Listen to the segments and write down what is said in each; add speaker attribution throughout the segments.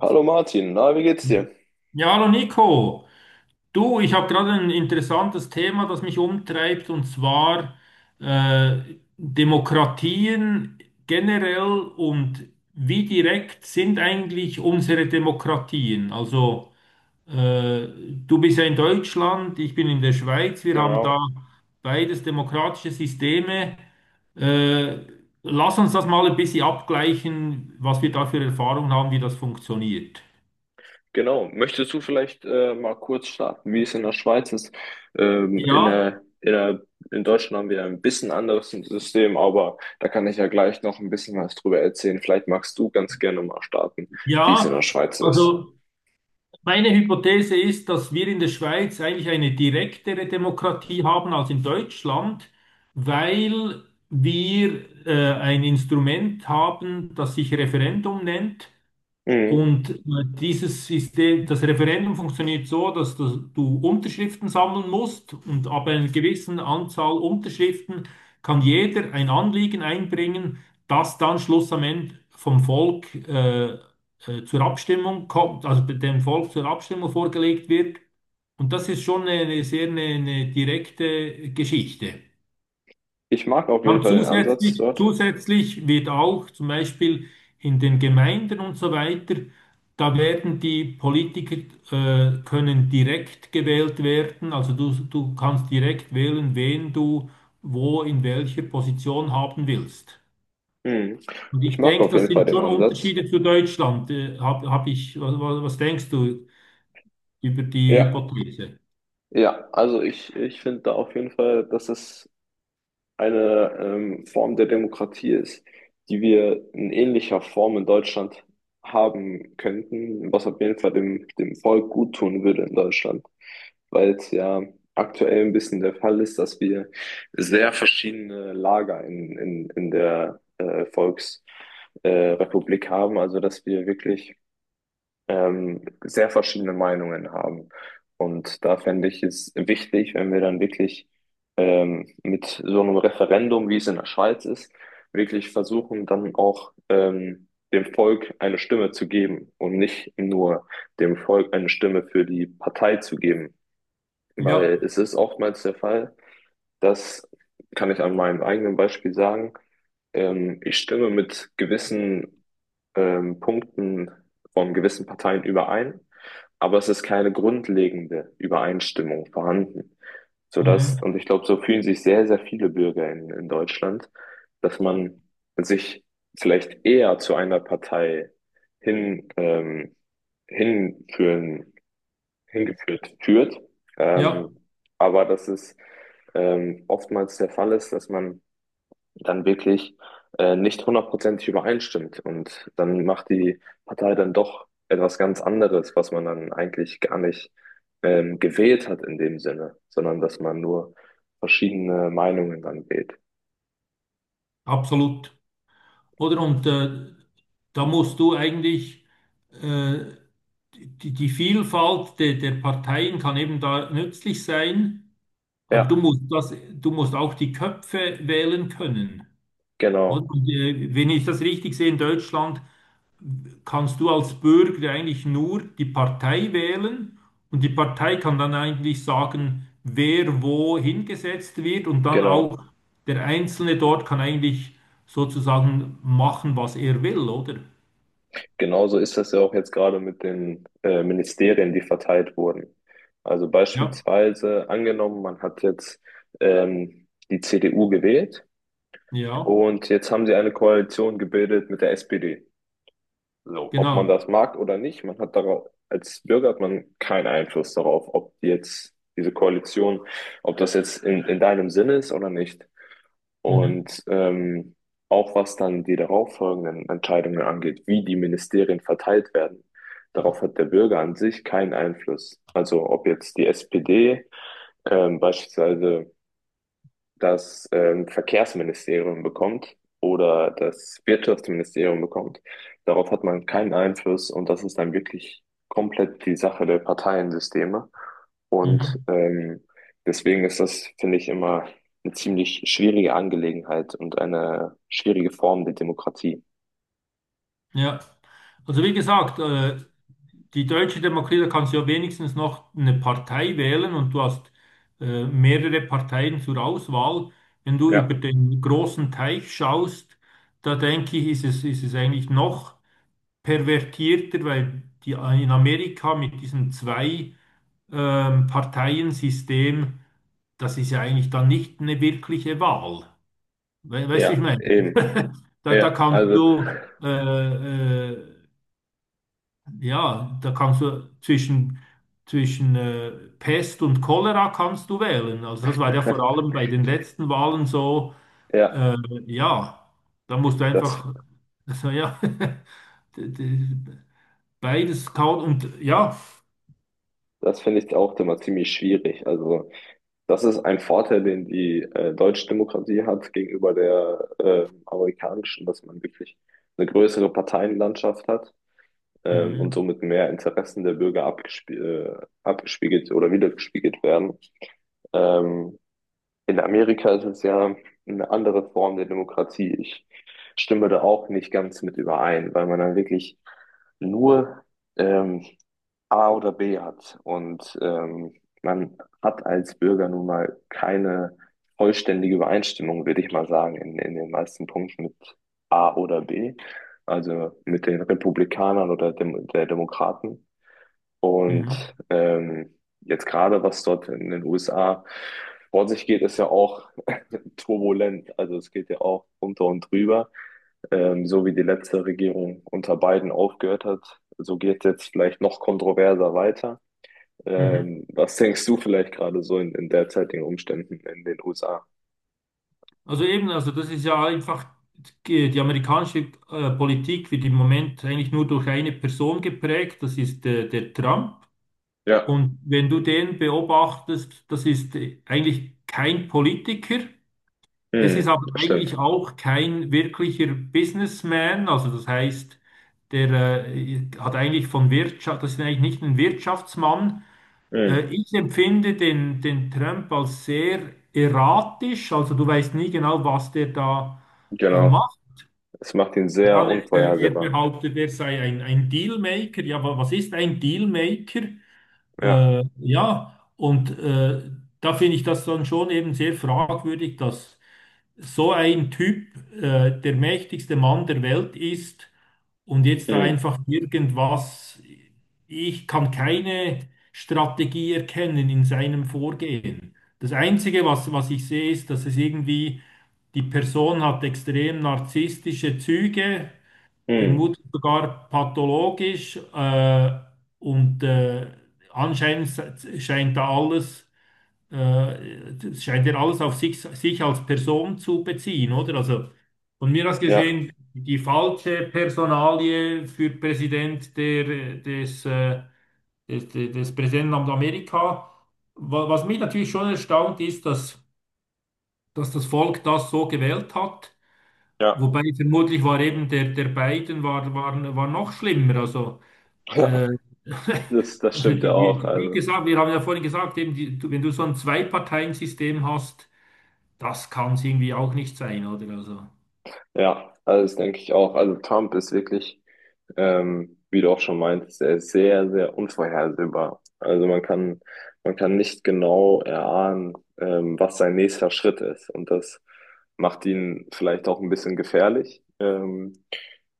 Speaker 1: Hallo Martin, na, wie geht's dir?
Speaker 2: Ja, hallo Nico. Du, ich habe gerade ein interessantes Thema, das mich umtreibt, und zwar äh, Demokratien generell und wie direkt sind eigentlich unsere Demokratien? Also äh, du bist ja in Deutschland, ich bin in der Schweiz, wir haben da
Speaker 1: Genau.
Speaker 2: beides demokratische Systeme. Äh, Lass uns das mal ein bisschen abgleichen, was wir da für Erfahrungen haben, wie das funktioniert.
Speaker 1: Genau. Möchtest du vielleicht mal kurz starten, wie es in der Schweiz ist? Ähm, in
Speaker 2: Ja.
Speaker 1: der, in der, in Deutschland haben wir ein bisschen anderes System, aber da kann ich ja gleich noch ein bisschen was drüber erzählen. Vielleicht magst du ganz gerne mal starten, wie es in der
Speaker 2: Ja,
Speaker 1: Schweiz ist.
Speaker 2: also meine Hypothese ist, dass wir in der Schweiz eigentlich eine direktere Demokratie haben als in Deutschland, weil wir ein Instrument haben, das sich Referendum nennt.
Speaker 1: Mhm.
Speaker 2: Und dieses System, das Referendum funktioniert so, dass du Unterschriften sammeln musst und ab einer gewissen Anzahl Unterschriften kann jeder ein Anliegen einbringen, das dann Schluss am Ende vom Volk zur Abstimmung kommt, also dem Volk zur Abstimmung vorgelegt wird. Und das ist schon eine sehr eine direkte Geschichte.
Speaker 1: Ich mag auf jeden
Speaker 2: Aber
Speaker 1: Fall den Ansatz
Speaker 2: zusätzlich,
Speaker 1: dort.
Speaker 2: zusätzlich wird auch zum Beispiel in den Gemeinden und so weiter, da werden die Politiker, können direkt gewählt werden. Also du kannst direkt wählen, wen du wo in welcher Position haben willst.
Speaker 1: Mhm.
Speaker 2: Und
Speaker 1: Ich
Speaker 2: ich
Speaker 1: mag
Speaker 2: denke,
Speaker 1: auf
Speaker 2: das
Speaker 1: jeden Fall
Speaker 2: sind
Speaker 1: den
Speaker 2: schon
Speaker 1: Ansatz.
Speaker 2: Unterschiede zu Deutschland. Hab, hab ich, was, was was denkst du über die
Speaker 1: Ja,
Speaker 2: Hypothese?
Speaker 1: ja, also ich finde da auf jeden Fall, dass es eine Form der Demokratie ist, die wir in ähnlicher Form in Deutschland haben könnten, was auf jeden Fall dem, dem Volk gut tun würde in Deutschland, weil es ja aktuell ein bisschen der Fall ist, dass wir sehr verschiedene Lager in der Volksrepublik äh, Republik haben, also dass wir wirklich sehr verschiedene Meinungen haben. Und da fände ich es wichtig, wenn wir dann wirklich mit so einem Referendum, wie es in der Schweiz ist, wirklich versuchen, dann auch dem Volk eine Stimme zu geben und nicht nur dem Volk eine Stimme für die Partei zu geben.
Speaker 2: Ja,
Speaker 1: Weil es ist oftmals der Fall, das kann ich an meinem eigenen Beispiel sagen. Ich stimme mit gewissen Punkten von gewissen Parteien überein, aber es ist keine grundlegende Übereinstimmung vorhanden. Sodass,
Speaker 2: mhm.
Speaker 1: und ich glaube, so fühlen sich sehr, sehr viele Bürger in Deutschland, dass man sich vielleicht eher zu einer Partei hin, hinführen, hingeführt führt,
Speaker 2: Ja,
Speaker 1: ähm, aber dass es oftmals der Fall ist, dass man dann wirklich nicht hundertprozentig übereinstimmt. Und dann macht die Partei dann doch etwas ganz anderes, was man dann eigentlich gar nicht gewählt hat in dem Sinne, sondern dass man nur verschiedene Meinungen dann wählt.
Speaker 2: absolut. Oder und da musst du eigentlich äh, die, die Vielfalt der, der Parteien kann eben da nützlich sein, aber du
Speaker 1: Ja,
Speaker 2: musst das, du musst auch die Köpfe wählen können. Oder?
Speaker 1: genau,
Speaker 2: Und, wenn ich das richtig sehe, in Deutschland kannst du als Bürger eigentlich nur die Partei wählen und die Partei kann dann eigentlich sagen, wer wo hingesetzt wird und dann auch
Speaker 1: genau.
Speaker 2: der Einzelne dort kann eigentlich sozusagen machen, was er will, oder?
Speaker 1: Genauso ist das ja auch jetzt gerade mit den Ministerien, die verteilt wurden. Also
Speaker 2: Ja,
Speaker 1: beispielsweise angenommen, man hat jetzt die CDU gewählt
Speaker 2: ja,
Speaker 1: und jetzt haben sie eine Koalition gebildet mit der SPD. So, ob man
Speaker 2: genau.
Speaker 1: das mag oder nicht, man hat darauf, als Bürger hat man keinen Einfluss darauf, ob jetzt diese Koalition, ob das jetzt in deinem Sinne ist oder nicht.
Speaker 2: Mhm,
Speaker 1: Und auch was dann die darauffolgenden Entscheidungen angeht, wie die Ministerien verteilt werden, darauf hat der Bürger an sich keinen Einfluss. Also ob jetzt die SPD beispielsweise das Verkehrsministerium bekommt oder das Wirtschaftsministerium bekommt. Darauf hat man keinen Einfluss und das ist dann wirklich komplett die Sache der Parteiensysteme. Und
Speaker 2: mhm,
Speaker 1: deswegen ist das, finde ich, immer eine ziemlich schwierige Angelegenheit und eine schwierige Form der Demokratie.
Speaker 2: ja. Also wie gesagt, die Deutsche Demokratie, da kannst du ja wenigstens noch eine Partei wählen und du hast mehrere Parteien zur Auswahl. Wenn du über
Speaker 1: Ja,
Speaker 2: den großen Teich schaust, da denke ich, ist es eigentlich noch pervertierter, weil die in Amerika mit diesem zwei Parteiensystem, das ist ja eigentlich dann nicht eine wirkliche Wahl. We Weißt du, wie ich
Speaker 1: ja,
Speaker 2: meine?
Speaker 1: eben.
Speaker 2: Da
Speaker 1: Ja,
Speaker 2: kannst
Speaker 1: also,
Speaker 2: du, ja, da kannst du zwischen, zwischen Pest und Cholera kannst du wählen. Also das war ja vor allem bei den letzten Wahlen so,
Speaker 1: ja,
Speaker 2: äh, ja, da musst du
Speaker 1: das,
Speaker 2: einfach, also ja, d- d- beides kauen und ja.
Speaker 1: das finde ich auch immer ziemlich schwierig. Also, das ist ein Vorteil, den die deutsche Demokratie hat gegenüber der amerikanischen, dass man wirklich eine größere Parteienlandschaft hat, und
Speaker 2: Mhm.
Speaker 1: somit mehr Interessen der Bürger abgespiegelt oder wiedergespiegelt werden. Ähm, in Amerika ist es ja eine andere Form der Demokratie. Ich stimme da auch nicht ganz mit überein, weil man dann wirklich nur ähm, A oder B hat. Und man hat als Bürger nun mal keine vollständige Übereinstimmung, würde ich mal sagen, in den meisten Punkten mit A oder B, also mit den Republikanern oder Dem der Demokraten.
Speaker 2: Mhm.
Speaker 1: Und jetzt gerade, was dort in den USA vor sich geht, ist ja auch turbulent. Also es geht ja auch unter und drüber. So wie die letzte Regierung unter Biden aufgehört hat, so geht es jetzt vielleicht noch kontroverser weiter.
Speaker 2: Mhm.
Speaker 1: Was denkst du vielleicht gerade so in derzeitigen Umständen in den USA?
Speaker 2: Also eben, also das ist ja einfach die, die amerikanische Politik wird im Moment eigentlich nur durch eine Person geprägt, das ist der Trump.
Speaker 1: Ja,
Speaker 2: Und wenn du den beobachtest, das ist eigentlich kein Politiker. Es ist
Speaker 1: hm,
Speaker 2: aber
Speaker 1: das stimmt.
Speaker 2: eigentlich auch kein wirklicher Businessman. Also das heißt, der hat eigentlich von Wirtschaft, das ist eigentlich nicht ein Wirtschaftsmann,
Speaker 1: Hm,
Speaker 2: ich empfinde den, den Trump als sehr erratisch, also du weißt nie genau, was der da
Speaker 1: genau.
Speaker 2: macht.
Speaker 1: Es macht ihn sehr
Speaker 2: Dann, er
Speaker 1: unvorhersehbar.
Speaker 2: behauptet, er sei ein Dealmaker. Ja, was ist ein Dealmaker?
Speaker 1: Ja,
Speaker 2: Äh, ja, und äh, da finde ich das dann schon eben sehr fragwürdig, dass so ein Typ, der mächtigste Mann der Welt ist und jetzt da
Speaker 1: hm,
Speaker 2: einfach irgendwas, ich kann keine Strategie erkennen in seinem Vorgehen. Das Einzige, was, was ich sehe, ist, dass es irgendwie, die Person hat extrem narzisstische Züge,
Speaker 1: hm,
Speaker 2: vermutlich sogar pathologisch, und äh, anscheinend scheint da alles das scheint ja alles auf sich als Person zu beziehen, oder? Also von mir aus
Speaker 1: ja,
Speaker 2: gesehen, die falsche Personalie für Präsident der, des, des, des, des Präsidentenamt Amerika. Was mich natürlich schon erstaunt ist, dass das Volk das so gewählt hat.
Speaker 1: ja.
Speaker 2: Wobei vermutlich war eben der Biden war noch schlimmer. Also, äh,
Speaker 1: Das, das
Speaker 2: also
Speaker 1: stimmt ja auch.
Speaker 2: wie
Speaker 1: Also,
Speaker 2: gesagt, wir haben ja vorhin gesagt, eben wenn du so ein Zwei-Parteien-System hast, das kann es irgendwie auch nicht sein, oder? Also.
Speaker 1: ja, also das denke ich auch. Also Trump ist wirklich, wie du auch schon meintest, er ist sehr, sehr unvorhersehbar. Also man kann nicht genau erahnen, was sein nächster Schritt ist. Und das macht ihn vielleicht auch ein bisschen gefährlich.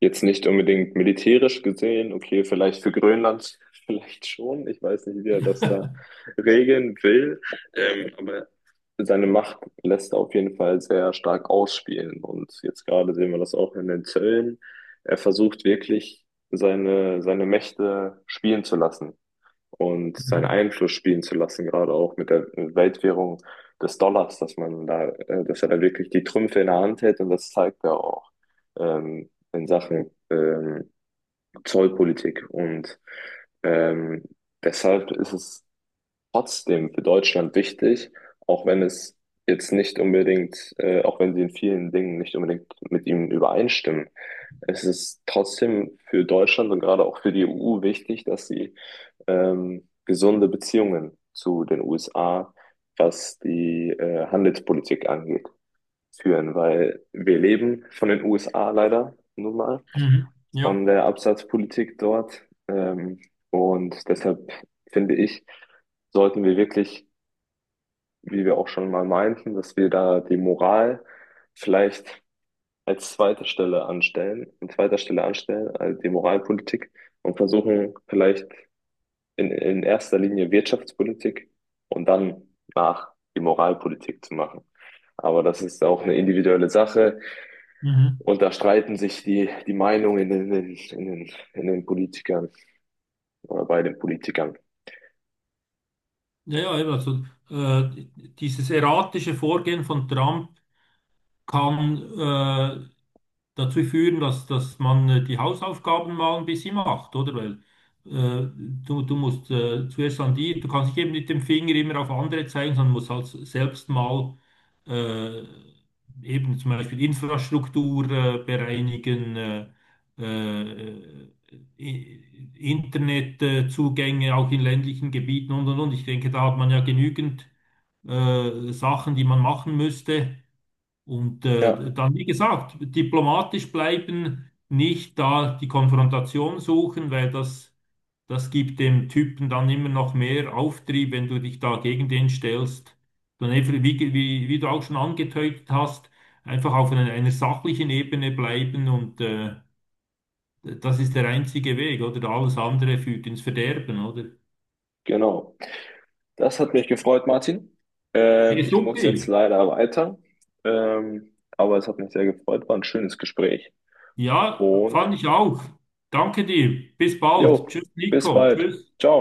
Speaker 1: Jetzt nicht unbedingt militärisch gesehen, okay, vielleicht für Grönland vielleicht schon. Ich weiß nicht, wie er das
Speaker 2: Ja.
Speaker 1: da regeln will. Aber seine Macht lässt er auf jeden Fall sehr stark ausspielen. Und jetzt gerade sehen wir das auch in den Zöllen. Er versucht wirklich, seine Mächte spielen zu lassen und seinen
Speaker 2: Mhm.
Speaker 1: Einfluss spielen zu lassen, gerade auch mit der Weltwährung des Dollars, dass man da, dass er da wirklich die Trümpfe in der Hand hält und das zeigt er auch in Sachen Zollpolitik. Und ähm, deshalb ist es trotzdem für Deutschland wichtig, auch wenn es jetzt nicht unbedingt, auch wenn sie in vielen Dingen nicht unbedingt mit ihm übereinstimmen. Es ist trotzdem für Deutschland und gerade auch für die EU wichtig, dass sie gesunde Beziehungen zu den USA, was die Handelspolitik angeht, führen, weil wir leben von den USA leider nun mal,
Speaker 2: Mhm. Ja,
Speaker 1: von der Absatzpolitik dort. Und deshalb finde ich, sollten wir wirklich, wie wir auch schon mal meinten, dass wir da die Moral vielleicht als zweite Stelle anstellen, an zweiter Stelle anstellen, also die Moralpolitik, und versuchen vielleicht in erster Linie Wirtschaftspolitik und dann nach die Moralpolitik zu machen. Aber das ist auch eine individuelle Sache
Speaker 2: mhm.
Speaker 1: und da streiten sich die, die Meinungen in den, in den, in den Politikern oder bei den Politikern.
Speaker 2: Ja, ja, eben, also äh, dieses erratische Vorgehen von Trump kann dazu führen, dass man die Hausaufgaben mal ein bisschen macht, oder? Weil du musst zuerst an die, du kannst nicht eben mit dem Finger immer auf andere zeigen, sondern musst halt selbst mal äh, eben zum Beispiel Infrastruktur bereinigen, äh, I- Internetzugänge auch in ländlichen Gebieten und und. Ich denke, da hat man ja genügend Sachen, die man machen müsste und
Speaker 1: Ja,
Speaker 2: dann, wie gesagt, diplomatisch bleiben, nicht da die Konfrontation suchen, weil das gibt dem Typen dann immer noch mehr Auftrieb, wenn du dich da gegen den stellst. Dann einfach, wie du auch schon angetötet hast, einfach auf einer sachlichen Ebene bleiben und das ist der einzige Weg, oder? Alles andere führt ins Verderben, oder?
Speaker 1: genau. Das hat mich gefreut, Martin.
Speaker 2: Hey,
Speaker 1: Ich muss jetzt
Speaker 2: super.
Speaker 1: leider weiter. Aber es hat mich sehr gefreut, war ein schönes Gespräch.
Speaker 2: Ja,
Speaker 1: Und
Speaker 2: fand ich auch. Danke dir. Bis
Speaker 1: jo,
Speaker 2: bald. Tschüss,
Speaker 1: bis
Speaker 2: Nico.
Speaker 1: bald.
Speaker 2: Tschüss.
Speaker 1: Ciao.